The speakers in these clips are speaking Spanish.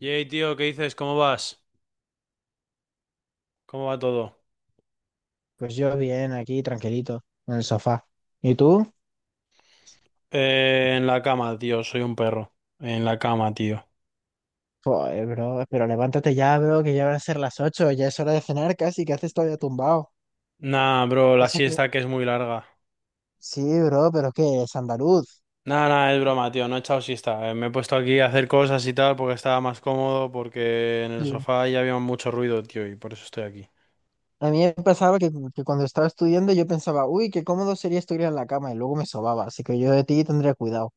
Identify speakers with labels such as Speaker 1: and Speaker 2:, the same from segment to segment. Speaker 1: Yey, tío, ¿qué dices? ¿Cómo vas? ¿Cómo va todo?
Speaker 2: Pues yo bien, aquí tranquilito, en el sofá. ¿Y tú?
Speaker 1: En la cama, tío, soy un perro. En la cama, tío.
Speaker 2: Joder, bro, pero levántate ya, bro, que ya van a ser las 8, ya es hora de cenar casi, ¿que haces todavía tumbado?
Speaker 1: Nah, bro, la
Speaker 2: Pasa que-
Speaker 1: siesta que es muy larga.
Speaker 2: sí, bro, pero ¿qué? Es andaluz.
Speaker 1: Nah, nah, es broma, tío, no he echado siesta. Me he puesto aquí a hacer cosas y tal porque estaba más cómodo, porque en el
Speaker 2: Sí.
Speaker 1: sofá ya había mucho ruido, tío, y por eso estoy aquí.
Speaker 2: A mí me pasaba que cuando estaba estudiando yo pensaba, uy, qué cómodo sería estudiar en la cama, y luego me sobaba, así que yo de ti tendría cuidado.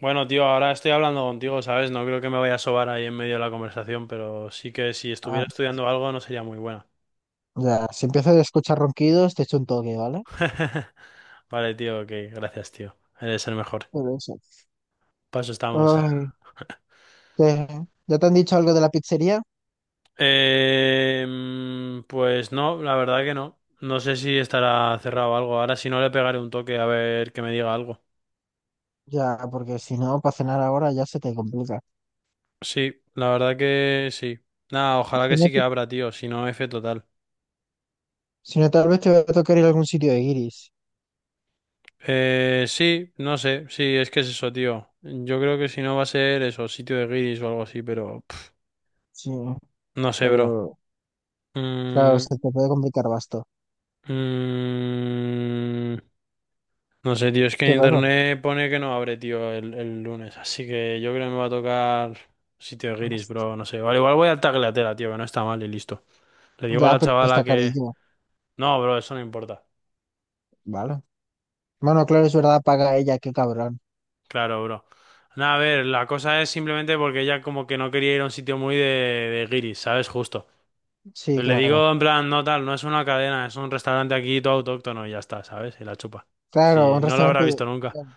Speaker 1: Bueno, tío, ahora estoy hablando contigo, ¿sabes? No creo que me vaya a sobar ahí en medio de la conversación, pero sí que si estuviera
Speaker 2: Ah,
Speaker 1: estudiando algo no sería muy buena.
Speaker 2: ya, si empiezo a escuchar ronquidos, te echo un toque, ¿vale?
Speaker 1: Vale, tío, ok, gracias, tío. Eres el mejor.
Speaker 2: Pero eso.
Speaker 1: Paso estamos.
Speaker 2: Ay, ¿qué? ¿Ya te han dicho algo de la pizzería?
Speaker 1: Pues no, la verdad que no. No sé si estará cerrado o algo. Ahora si no le pegaré un toque a ver que me diga algo.
Speaker 2: Ya, porque si no, para cenar ahora ya se te complica.
Speaker 1: Sí, la verdad que sí. Nada, ojalá que
Speaker 2: Si no,
Speaker 1: sí que
Speaker 2: te-
Speaker 1: abra, tío. Si no, F total.
Speaker 2: si no, tal vez te va a tocar ir a algún sitio de Iris.
Speaker 1: Sí, no sé. Sí, es que es eso, tío. Yo creo que si no va a ser eso, sitio de guiris o algo así, pero
Speaker 2: Sí,
Speaker 1: no sé, bro.
Speaker 2: pero claro,
Speaker 1: Mm,
Speaker 2: se te puede complicar basto.
Speaker 1: mm, No sé, tío, es que en
Speaker 2: ¿Qué pasa?
Speaker 1: internet pone que no abre, tío, el lunes. Así que yo creo que me va a tocar sitio guiris, bro. No sé. Vale, igual voy al Tagliatella, tío, que no está mal y listo. Le digo a
Speaker 2: Ya,
Speaker 1: la
Speaker 2: pero
Speaker 1: chavala
Speaker 2: está
Speaker 1: que...
Speaker 2: carillo,
Speaker 1: No, bro, eso no importa.
Speaker 2: ¿vale? Bueno, claro, es verdad, paga ella, qué cabrón.
Speaker 1: Claro, bro. Nada, a ver, la cosa es simplemente porque ella como que no quería ir a un sitio muy de guiris, ¿sabes? Justo.
Speaker 2: Sí,
Speaker 1: Pues le
Speaker 2: claro.
Speaker 1: digo en plan, no tal, no es una cadena, es un restaurante aquí todo autóctono y ya está, ¿sabes? Y la chupa.
Speaker 2: Claro,
Speaker 1: Si
Speaker 2: un
Speaker 1: no lo habrá
Speaker 2: restaurante.
Speaker 1: visto nunca.
Speaker 2: Bueno,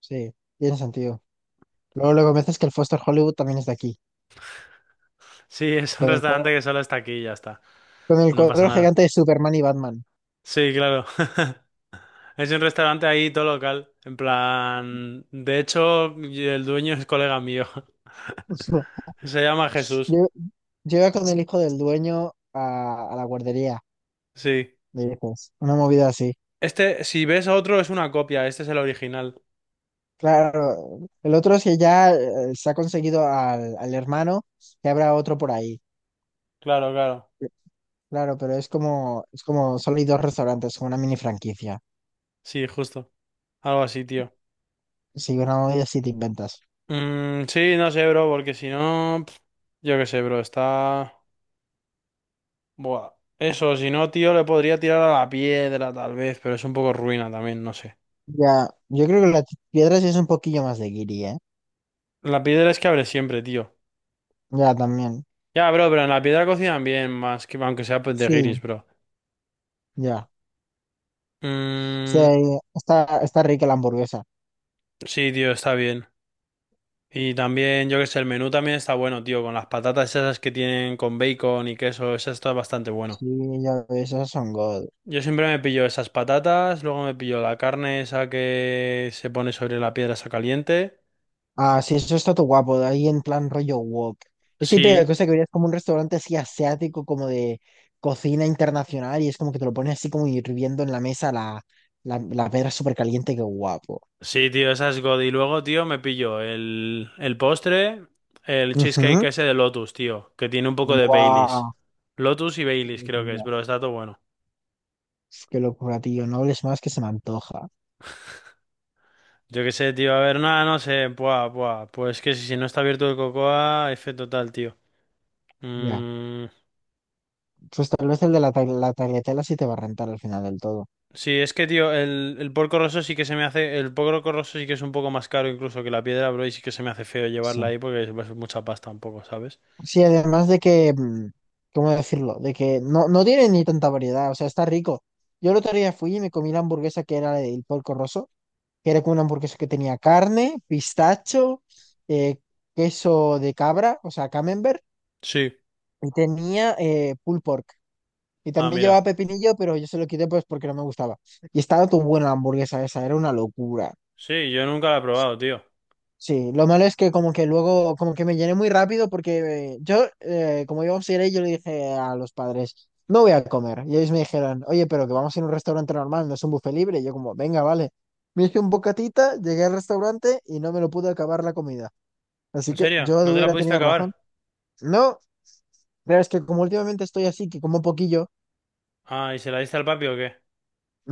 Speaker 2: sí, tiene sentido. Luego, luego me dices que el Foster Hollywood también es de aquí.
Speaker 1: Sí, es un
Speaker 2: Con el
Speaker 1: restaurante
Speaker 2: cuadro,
Speaker 1: que solo está aquí y ya está.
Speaker 2: con el
Speaker 1: No pasa
Speaker 2: cuadro
Speaker 1: nada.
Speaker 2: gigante de Superman y Batman.
Speaker 1: Sí, claro. Es un restaurante ahí todo local. En plan. De hecho, y el dueño es colega mío. Se llama Jesús.
Speaker 2: Yo, yo iba con el hijo del dueño a, la guardería,
Speaker 1: Sí.
Speaker 2: le dices. Una movida así.
Speaker 1: Este, si ves otro, es una copia. Este es el original.
Speaker 2: Claro, el otro si ya se ha conseguido al hermano, ya habrá otro por ahí.
Speaker 1: Claro, claro.
Speaker 2: Claro, pero es como solo hay dos restaurantes, como una mini franquicia.
Speaker 1: Sí, justo. Algo así, tío.
Speaker 2: Si una olla sí te inventas.
Speaker 1: Mm, sí, no sé, bro, porque si no. Yo qué sé, bro. Está. Buah. Eso, si no, tío, le podría tirar a la piedra, tal vez, pero es un poco ruina también, no sé.
Speaker 2: Ya, yo creo que las piedras es un poquillo más de guiri, ¿eh?
Speaker 1: La piedra es que abre siempre, tío.
Speaker 2: Ya, también.
Speaker 1: Ya, bro, pero en la piedra cocinan bien, más que aunque sea pues, de
Speaker 2: Sí,
Speaker 1: guiris, bro.
Speaker 2: ya. Sí,
Speaker 1: Mm,
Speaker 2: está, está rica la hamburguesa.
Speaker 1: sí, tío, está bien. Y también, yo que sé, el menú también está bueno, tío, con las patatas esas que tienen con bacon y queso, eso está bastante bueno.
Speaker 2: Sí, ya, esas son God.
Speaker 1: Yo siempre me pillo esas patatas, luego me pillo la carne esa que se pone sobre la piedra esa caliente.
Speaker 2: Ah, sí, eso está todo guapo, de ahí en plan rollo wok. Es típica
Speaker 1: Sí,
Speaker 2: cosa que verías como un restaurante así asiático, como de cocina internacional, y es como que te lo pones así como hirviendo en la mesa la pedra súper caliente, qué guapo.
Speaker 1: sí, tío, esa es God. Y luego, tío, me pillo el postre, el cheesecake
Speaker 2: Ujú.
Speaker 1: ese de Lotus, tío, que tiene un poco de
Speaker 2: Guau,
Speaker 1: Baileys. Lotus y
Speaker 2: qué
Speaker 1: Baileys creo que es,
Speaker 2: locura.
Speaker 1: pero está todo bueno.
Speaker 2: Qué locura, tío. No hables más que se me antoja.
Speaker 1: Yo qué sé, tío. A ver, nada, no sé. Buah, buah. Pues que si no está abierto el Cocoa, F total, tío.
Speaker 2: Ya.
Speaker 1: Mm,
Speaker 2: Pues tal vez el de la, ta- la tagliatella sí te va a rentar al final del todo.
Speaker 1: sí, es que, tío, el porco rosso sí que se me hace. El porco rosso sí que es un poco más caro incluso que la piedra, bro. Y sí que se me hace feo
Speaker 2: Sí.
Speaker 1: llevarla ahí porque es mucha pasta un poco, ¿sabes?
Speaker 2: Sí, además de que, ¿cómo decirlo? De que no, no tiene ni tanta variedad, o sea, está rico. Yo el otro día fui y me comí la hamburguesa que era el Porco Rosso, que era como una hamburguesa que tenía carne, pistacho, eh, queso de cabra, o sea, camembert,
Speaker 1: Sí.
Speaker 2: y tenía pulled pork. Y
Speaker 1: Ah,
Speaker 2: también llevaba
Speaker 1: mira.
Speaker 2: pepinillo, pero yo se lo quité pues porque no me gustaba. Y estaba tan buena la hamburguesa esa, era una locura.
Speaker 1: Sí, yo nunca la he probado, tío.
Speaker 2: Sí, lo malo es que como que luego, como que me llené muy rápido porque como iba a ir yo le dije a los padres, no voy a comer. Y ellos me dijeron, oye, pero que vamos a ir a un restaurante normal, no es un buffet libre. Y yo como, venga, vale. Me hice un bocatita, llegué al restaurante y no me lo pude acabar la comida. Así
Speaker 1: ¿En
Speaker 2: que
Speaker 1: serio?
Speaker 2: yo
Speaker 1: ¿No te la
Speaker 2: hubiera
Speaker 1: pudiste
Speaker 2: tenido razón.
Speaker 1: acabar?
Speaker 2: No, pero es que como últimamente estoy así, que como poquillo.
Speaker 1: Ah, ¿y se la diste al papi o qué?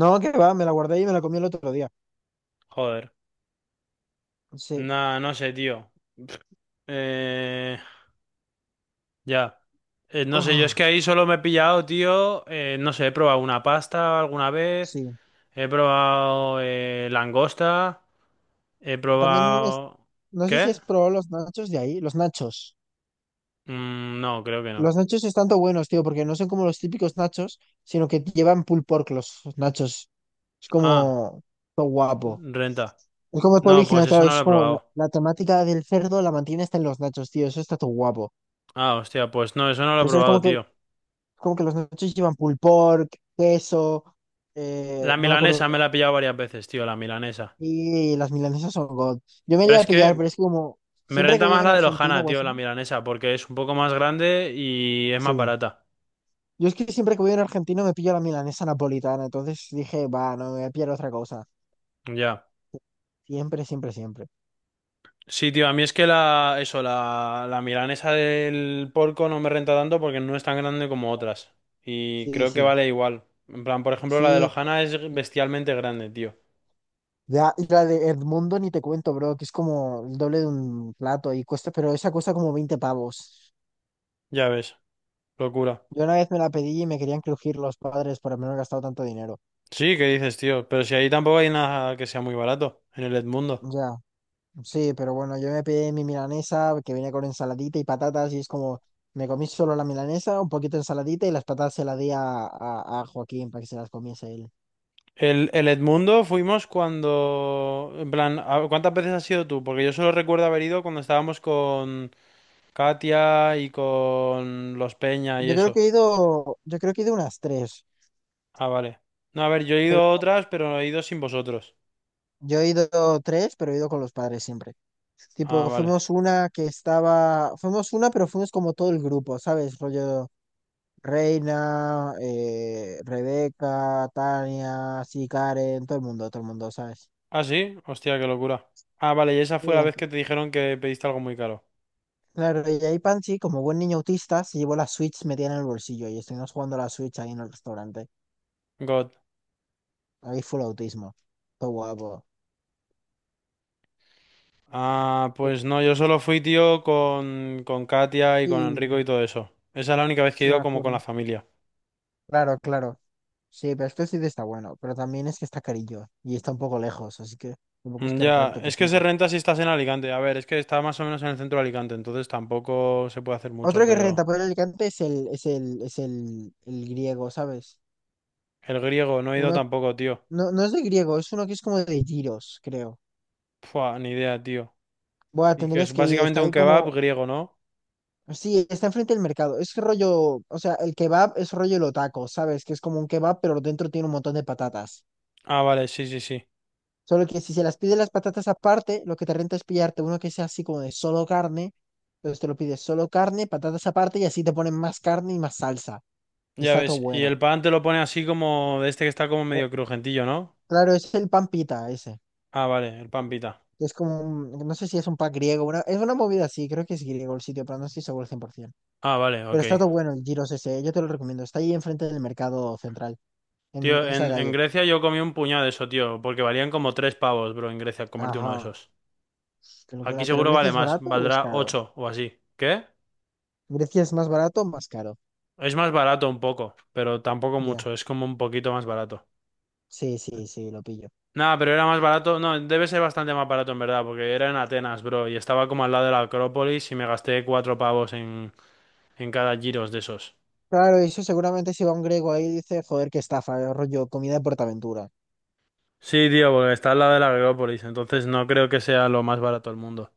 Speaker 2: No, que va, me la guardé y me la comí el otro día.
Speaker 1: Joder.
Speaker 2: Sí.
Speaker 1: Nah, no sé, tío. Eh. Ya. No sé, yo es
Speaker 2: Ugh,
Speaker 1: que ahí solo me he pillado, tío. No sé, he probado una pasta alguna vez.
Speaker 2: sí.
Speaker 1: He probado langosta. He
Speaker 2: También es,
Speaker 1: probado.
Speaker 2: no sé si
Speaker 1: ¿Qué?
Speaker 2: es probado los nachos de ahí, los nachos.
Speaker 1: Mm, no, creo que no.
Speaker 2: Los nachos están tan buenos, tío, porque no son como los típicos nachos, sino que llevan pulled pork los nachos. Es
Speaker 1: Ah,
Speaker 2: como todo guapo.
Speaker 1: renta.
Speaker 2: Es como todo
Speaker 1: No, pues
Speaker 2: original,
Speaker 1: eso
Speaker 2: claro.
Speaker 1: no lo
Speaker 2: Es
Speaker 1: he
Speaker 2: como la,
Speaker 1: probado.
Speaker 2: la temática del cerdo la mantiene hasta en los nachos, tío. Eso está todo guapo.
Speaker 1: Ah, hostia, pues no, eso no lo he
Speaker 2: Entonces es
Speaker 1: probado,
Speaker 2: como que,
Speaker 1: tío.
Speaker 2: como que los nachos llevan pulled pork, queso,
Speaker 1: La
Speaker 2: no me acuerdo
Speaker 1: milanesa
Speaker 2: qué
Speaker 1: me
Speaker 2: más.
Speaker 1: la he pillado varias veces, tío, la milanesa.
Speaker 2: Y las milanesas son god. Yo me
Speaker 1: Pero
Speaker 2: llegué a
Speaker 1: es
Speaker 2: pillar,
Speaker 1: que
Speaker 2: pero es que como
Speaker 1: me
Speaker 2: siempre que
Speaker 1: renta
Speaker 2: voy a
Speaker 1: más
Speaker 2: un
Speaker 1: la de
Speaker 2: argentino
Speaker 1: Lojana,
Speaker 2: o
Speaker 1: tío,
Speaker 2: así,
Speaker 1: la milanesa, porque es un poco más grande y es más
Speaker 2: sí.
Speaker 1: barata.
Speaker 2: Yo es que siempre que voy a un argentino me pillo la milanesa napolitana. Entonces dije, va, no me voy a pillar otra cosa.
Speaker 1: Ya.
Speaker 2: Siempre, siempre, siempre.
Speaker 1: Sí, tío, a mí es que la, eso, la milanesa del porco no me renta tanto porque no es tan grande como otras. Y
Speaker 2: Sí,
Speaker 1: creo que
Speaker 2: sí.
Speaker 1: vale igual. En plan, por ejemplo, la de
Speaker 2: Sí.
Speaker 1: Lojana es bestialmente grande, tío.
Speaker 2: Ya, la de Edmundo ni te cuento, bro, que es como el doble de un plato y cuesta, pero esa cuesta como 20 pavos.
Speaker 1: Ya ves, locura.
Speaker 2: Yo una vez me la pedí y me querían crujir los padres por haberme gastado tanto dinero.
Speaker 1: Sí, ¿qué dices, tío? Pero si ahí tampoco hay nada que sea muy barato, en el Edmundo.
Speaker 2: Ya, sí, pero bueno, yo me pedí mi milanesa que viene con ensaladita y patatas y es como, me comí solo la milanesa, un poquito de ensaladita y las patatas se las di a a Joaquín para que se las comiese él.
Speaker 1: El Edmundo fuimos cuando... En plan, ¿cuántas veces has ido tú? Porque yo solo recuerdo haber ido cuando estábamos con Katia y con los Peña y
Speaker 2: Yo creo
Speaker 1: eso.
Speaker 2: que he ido, yo creo que he ido unas tres,
Speaker 1: Ah, vale. No, a ver, yo he ido
Speaker 2: pero
Speaker 1: a otras, pero he ido sin vosotros.
Speaker 2: yo he ido tres, pero he ido con los padres siempre.
Speaker 1: Ah,
Speaker 2: Tipo,
Speaker 1: vale.
Speaker 2: fuimos una, pero fuimos como todo el grupo, ¿sabes? Rollo Reina, Rebeca, Tania, sí, Karen, todo el mundo, ¿sabes?
Speaker 1: Ah, sí. Hostia, qué locura. Ah, vale, y esa
Speaker 2: Sí,
Speaker 1: fue la vez que te dijeron que pediste algo muy caro.
Speaker 2: claro, y ahí Panchi, como buen niño autista, se llevó la Switch metida en el bolsillo y estuvimos jugando a la Switch ahí en el restaurante.
Speaker 1: God.
Speaker 2: Ahí fue el autismo. Todo guapo.
Speaker 1: Ah, pues no, yo solo fui, tío, con Katia y con
Speaker 2: Sí,
Speaker 1: Enrico y todo eso. Esa es la única vez que he
Speaker 2: sí me
Speaker 1: ido como con la
Speaker 2: acuerdo.
Speaker 1: familia.
Speaker 2: Claro, claro. Sí, pero es que el sitio está bueno, pero también es que está carillo y está un poco lejos, así que tampoco es
Speaker 1: Mm,
Speaker 2: que
Speaker 1: ya,
Speaker 2: rente que
Speaker 1: es que se
Speaker 2: flipa.
Speaker 1: renta si estás en Alicante. A ver, es que está más o menos en el centro de Alicante, entonces tampoco se puede hacer mucho,
Speaker 2: Otro que
Speaker 1: pero...
Speaker 2: renta por Alicante el griego, ¿sabes?
Speaker 1: El griego, no he ido
Speaker 2: Uno,
Speaker 1: tampoco, tío.
Speaker 2: no, no es de griego, es uno que es como de Tiro's creo.
Speaker 1: Pua, ni idea, tío.
Speaker 2: Bueno,
Speaker 1: Y que
Speaker 2: tendrías
Speaker 1: es
Speaker 2: que ir,
Speaker 1: básicamente
Speaker 2: está
Speaker 1: un
Speaker 2: ahí
Speaker 1: kebab
Speaker 2: como,
Speaker 1: griego, ¿no?
Speaker 2: sí, está enfrente del mercado. Es rollo, o sea, el kebab es rollo el otaco, ¿sabes? Que es como un kebab, pero dentro tiene un montón de patatas.
Speaker 1: Ah, vale, sí, sí, sí.
Speaker 2: Solo que si se las pide las patatas aparte, lo que te renta es pillarte uno que sea así como de solo carne. Entonces te lo pides solo carne, patatas aparte y así te ponen más carne y más salsa.
Speaker 1: Ya
Speaker 2: Está todo
Speaker 1: ves, y el
Speaker 2: bueno.
Speaker 1: pan te lo pone así como de este que está como
Speaker 2: Eh,
Speaker 1: medio crujentillo, ¿no?
Speaker 2: claro, es el pan pita ese.
Speaker 1: Ah, vale, el pan pita.
Speaker 2: Es como un- no sé si es un pan griego, una- es una movida así, creo que es griego el sitio, pero no estoy seguro al 100%.
Speaker 1: Ah, vale,
Speaker 2: Pero
Speaker 1: ok.
Speaker 2: está todo bueno el Giros ese, yo te lo recomiendo. Está ahí enfrente del mercado central,
Speaker 1: Tío,
Speaker 2: en esa
Speaker 1: en
Speaker 2: calle.
Speaker 1: Grecia yo comí un puñado de eso, tío, porque valían como 3 pavos, bro, en Grecia, comerte uno de
Speaker 2: Ajá,
Speaker 1: esos.
Speaker 2: qué
Speaker 1: Aquí
Speaker 2: locura. ¿Pero
Speaker 1: seguro
Speaker 2: Grecia
Speaker 1: vale
Speaker 2: es
Speaker 1: más,
Speaker 2: barato o es
Speaker 1: valdrá
Speaker 2: caro?
Speaker 1: ocho o así. ¿Qué?
Speaker 2: ¿Grecia es más barato o más caro?
Speaker 1: Es más barato un poco, pero tampoco
Speaker 2: Ya,
Speaker 1: mucho, es como un poquito más barato.
Speaker 2: sí, sí, sí, lo pillo.
Speaker 1: Nada, pero era más barato, no, debe ser bastante más barato en verdad, porque era en Atenas, bro, y estaba como al lado de la Acrópolis y me gasté 4 pavos en cada giros de esos.
Speaker 2: Claro, y eso seguramente si va un griego ahí dice, joder, qué estafa, rollo, comida de PortAventura.
Speaker 1: Sí, tío, porque está al lado de la Agrópolis, entonces no creo que sea lo más barato del mundo.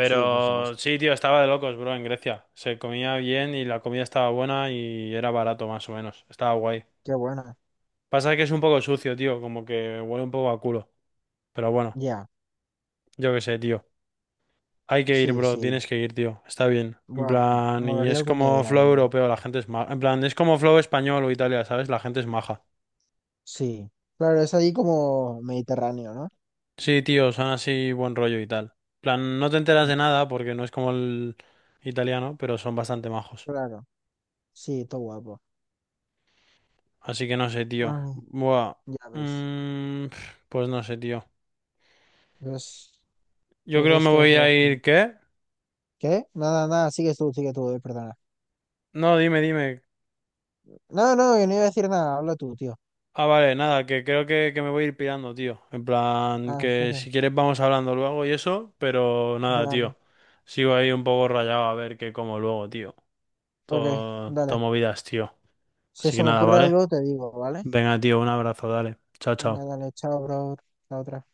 Speaker 2: Sí, por supuesto.
Speaker 1: sí, tío, estaba de locos, bro, en Grecia. Se comía bien y la comida estaba buena y era barato, más o menos. Estaba guay.
Speaker 2: Qué buena.
Speaker 1: Pasa que es un poco sucio, tío, como que huele un poco a culo. Pero bueno,
Speaker 2: Ya,
Speaker 1: yo qué sé, tío. Hay que ir,
Speaker 2: sí,
Speaker 1: bro,
Speaker 2: sí.
Speaker 1: tienes que ir, tío. Está bien. En
Speaker 2: Wow,
Speaker 1: plan, y
Speaker 2: molaría
Speaker 1: es
Speaker 2: algún día
Speaker 1: como
Speaker 2: ir
Speaker 1: flow
Speaker 2: ahí.
Speaker 1: europeo, la gente es maja. En plan, es como flow español o Italia, ¿sabes? La gente es maja.
Speaker 2: Sí. Claro, es ahí como Mediterráneo, ¿no?
Speaker 1: Sí, tío, son así buen rollo y tal. Plan, no te enteras de nada porque no es como el italiano, pero son bastante majos.
Speaker 2: Claro, sí, todo guapo.
Speaker 1: Así que no sé, tío.
Speaker 2: Ay,
Speaker 1: Buah.
Speaker 2: ya ves.
Speaker 1: Mm, pues no sé, tío.
Speaker 2: Pues,
Speaker 1: Yo
Speaker 2: pues
Speaker 1: creo que
Speaker 2: es
Speaker 1: me
Speaker 2: que vas
Speaker 1: voy
Speaker 2: a ir a-
Speaker 1: a ir, ¿qué?
Speaker 2: ¿Qué? Nada, nada, sigues tú, sigue tú, perdona.
Speaker 1: No, dime, dime.
Speaker 2: No, no, yo no iba a decir nada, habla tú, tío.
Speaker 1: Ah, vale, nada, que creo que me voy a ir pirando, tío. En plan,
Speaker 2: Ah, ¿en
Speaker 1: que
Speaker 2: serio?
Speaker 1: si quieres vamos hablando luego y eso, pero nada,
Speaker 2: Dale.
Speaker 1: tío. Sigo ahí un poco rayado a ver qué como luego, tío.
Speaker 2: Ok,
Speaker 1: Todo, todo
Speaker 2: dale.
Speaker 1: movidas, tío.
Speaker 2: Si
Speaker 1: Así que
Speaker 2: se me
Speaker 1: nada,
Speaker 2: ocurre
Speaker 1: ¿vale?
Speaker 2: algo, te digo, ¿vale?
Speaker 1: Venga, tío, un abrazo, dale. Chao,
Speaker 2: Venga,
Speaker 1: chao.
Speaker 2: dale, chao, bro. Chao, otra.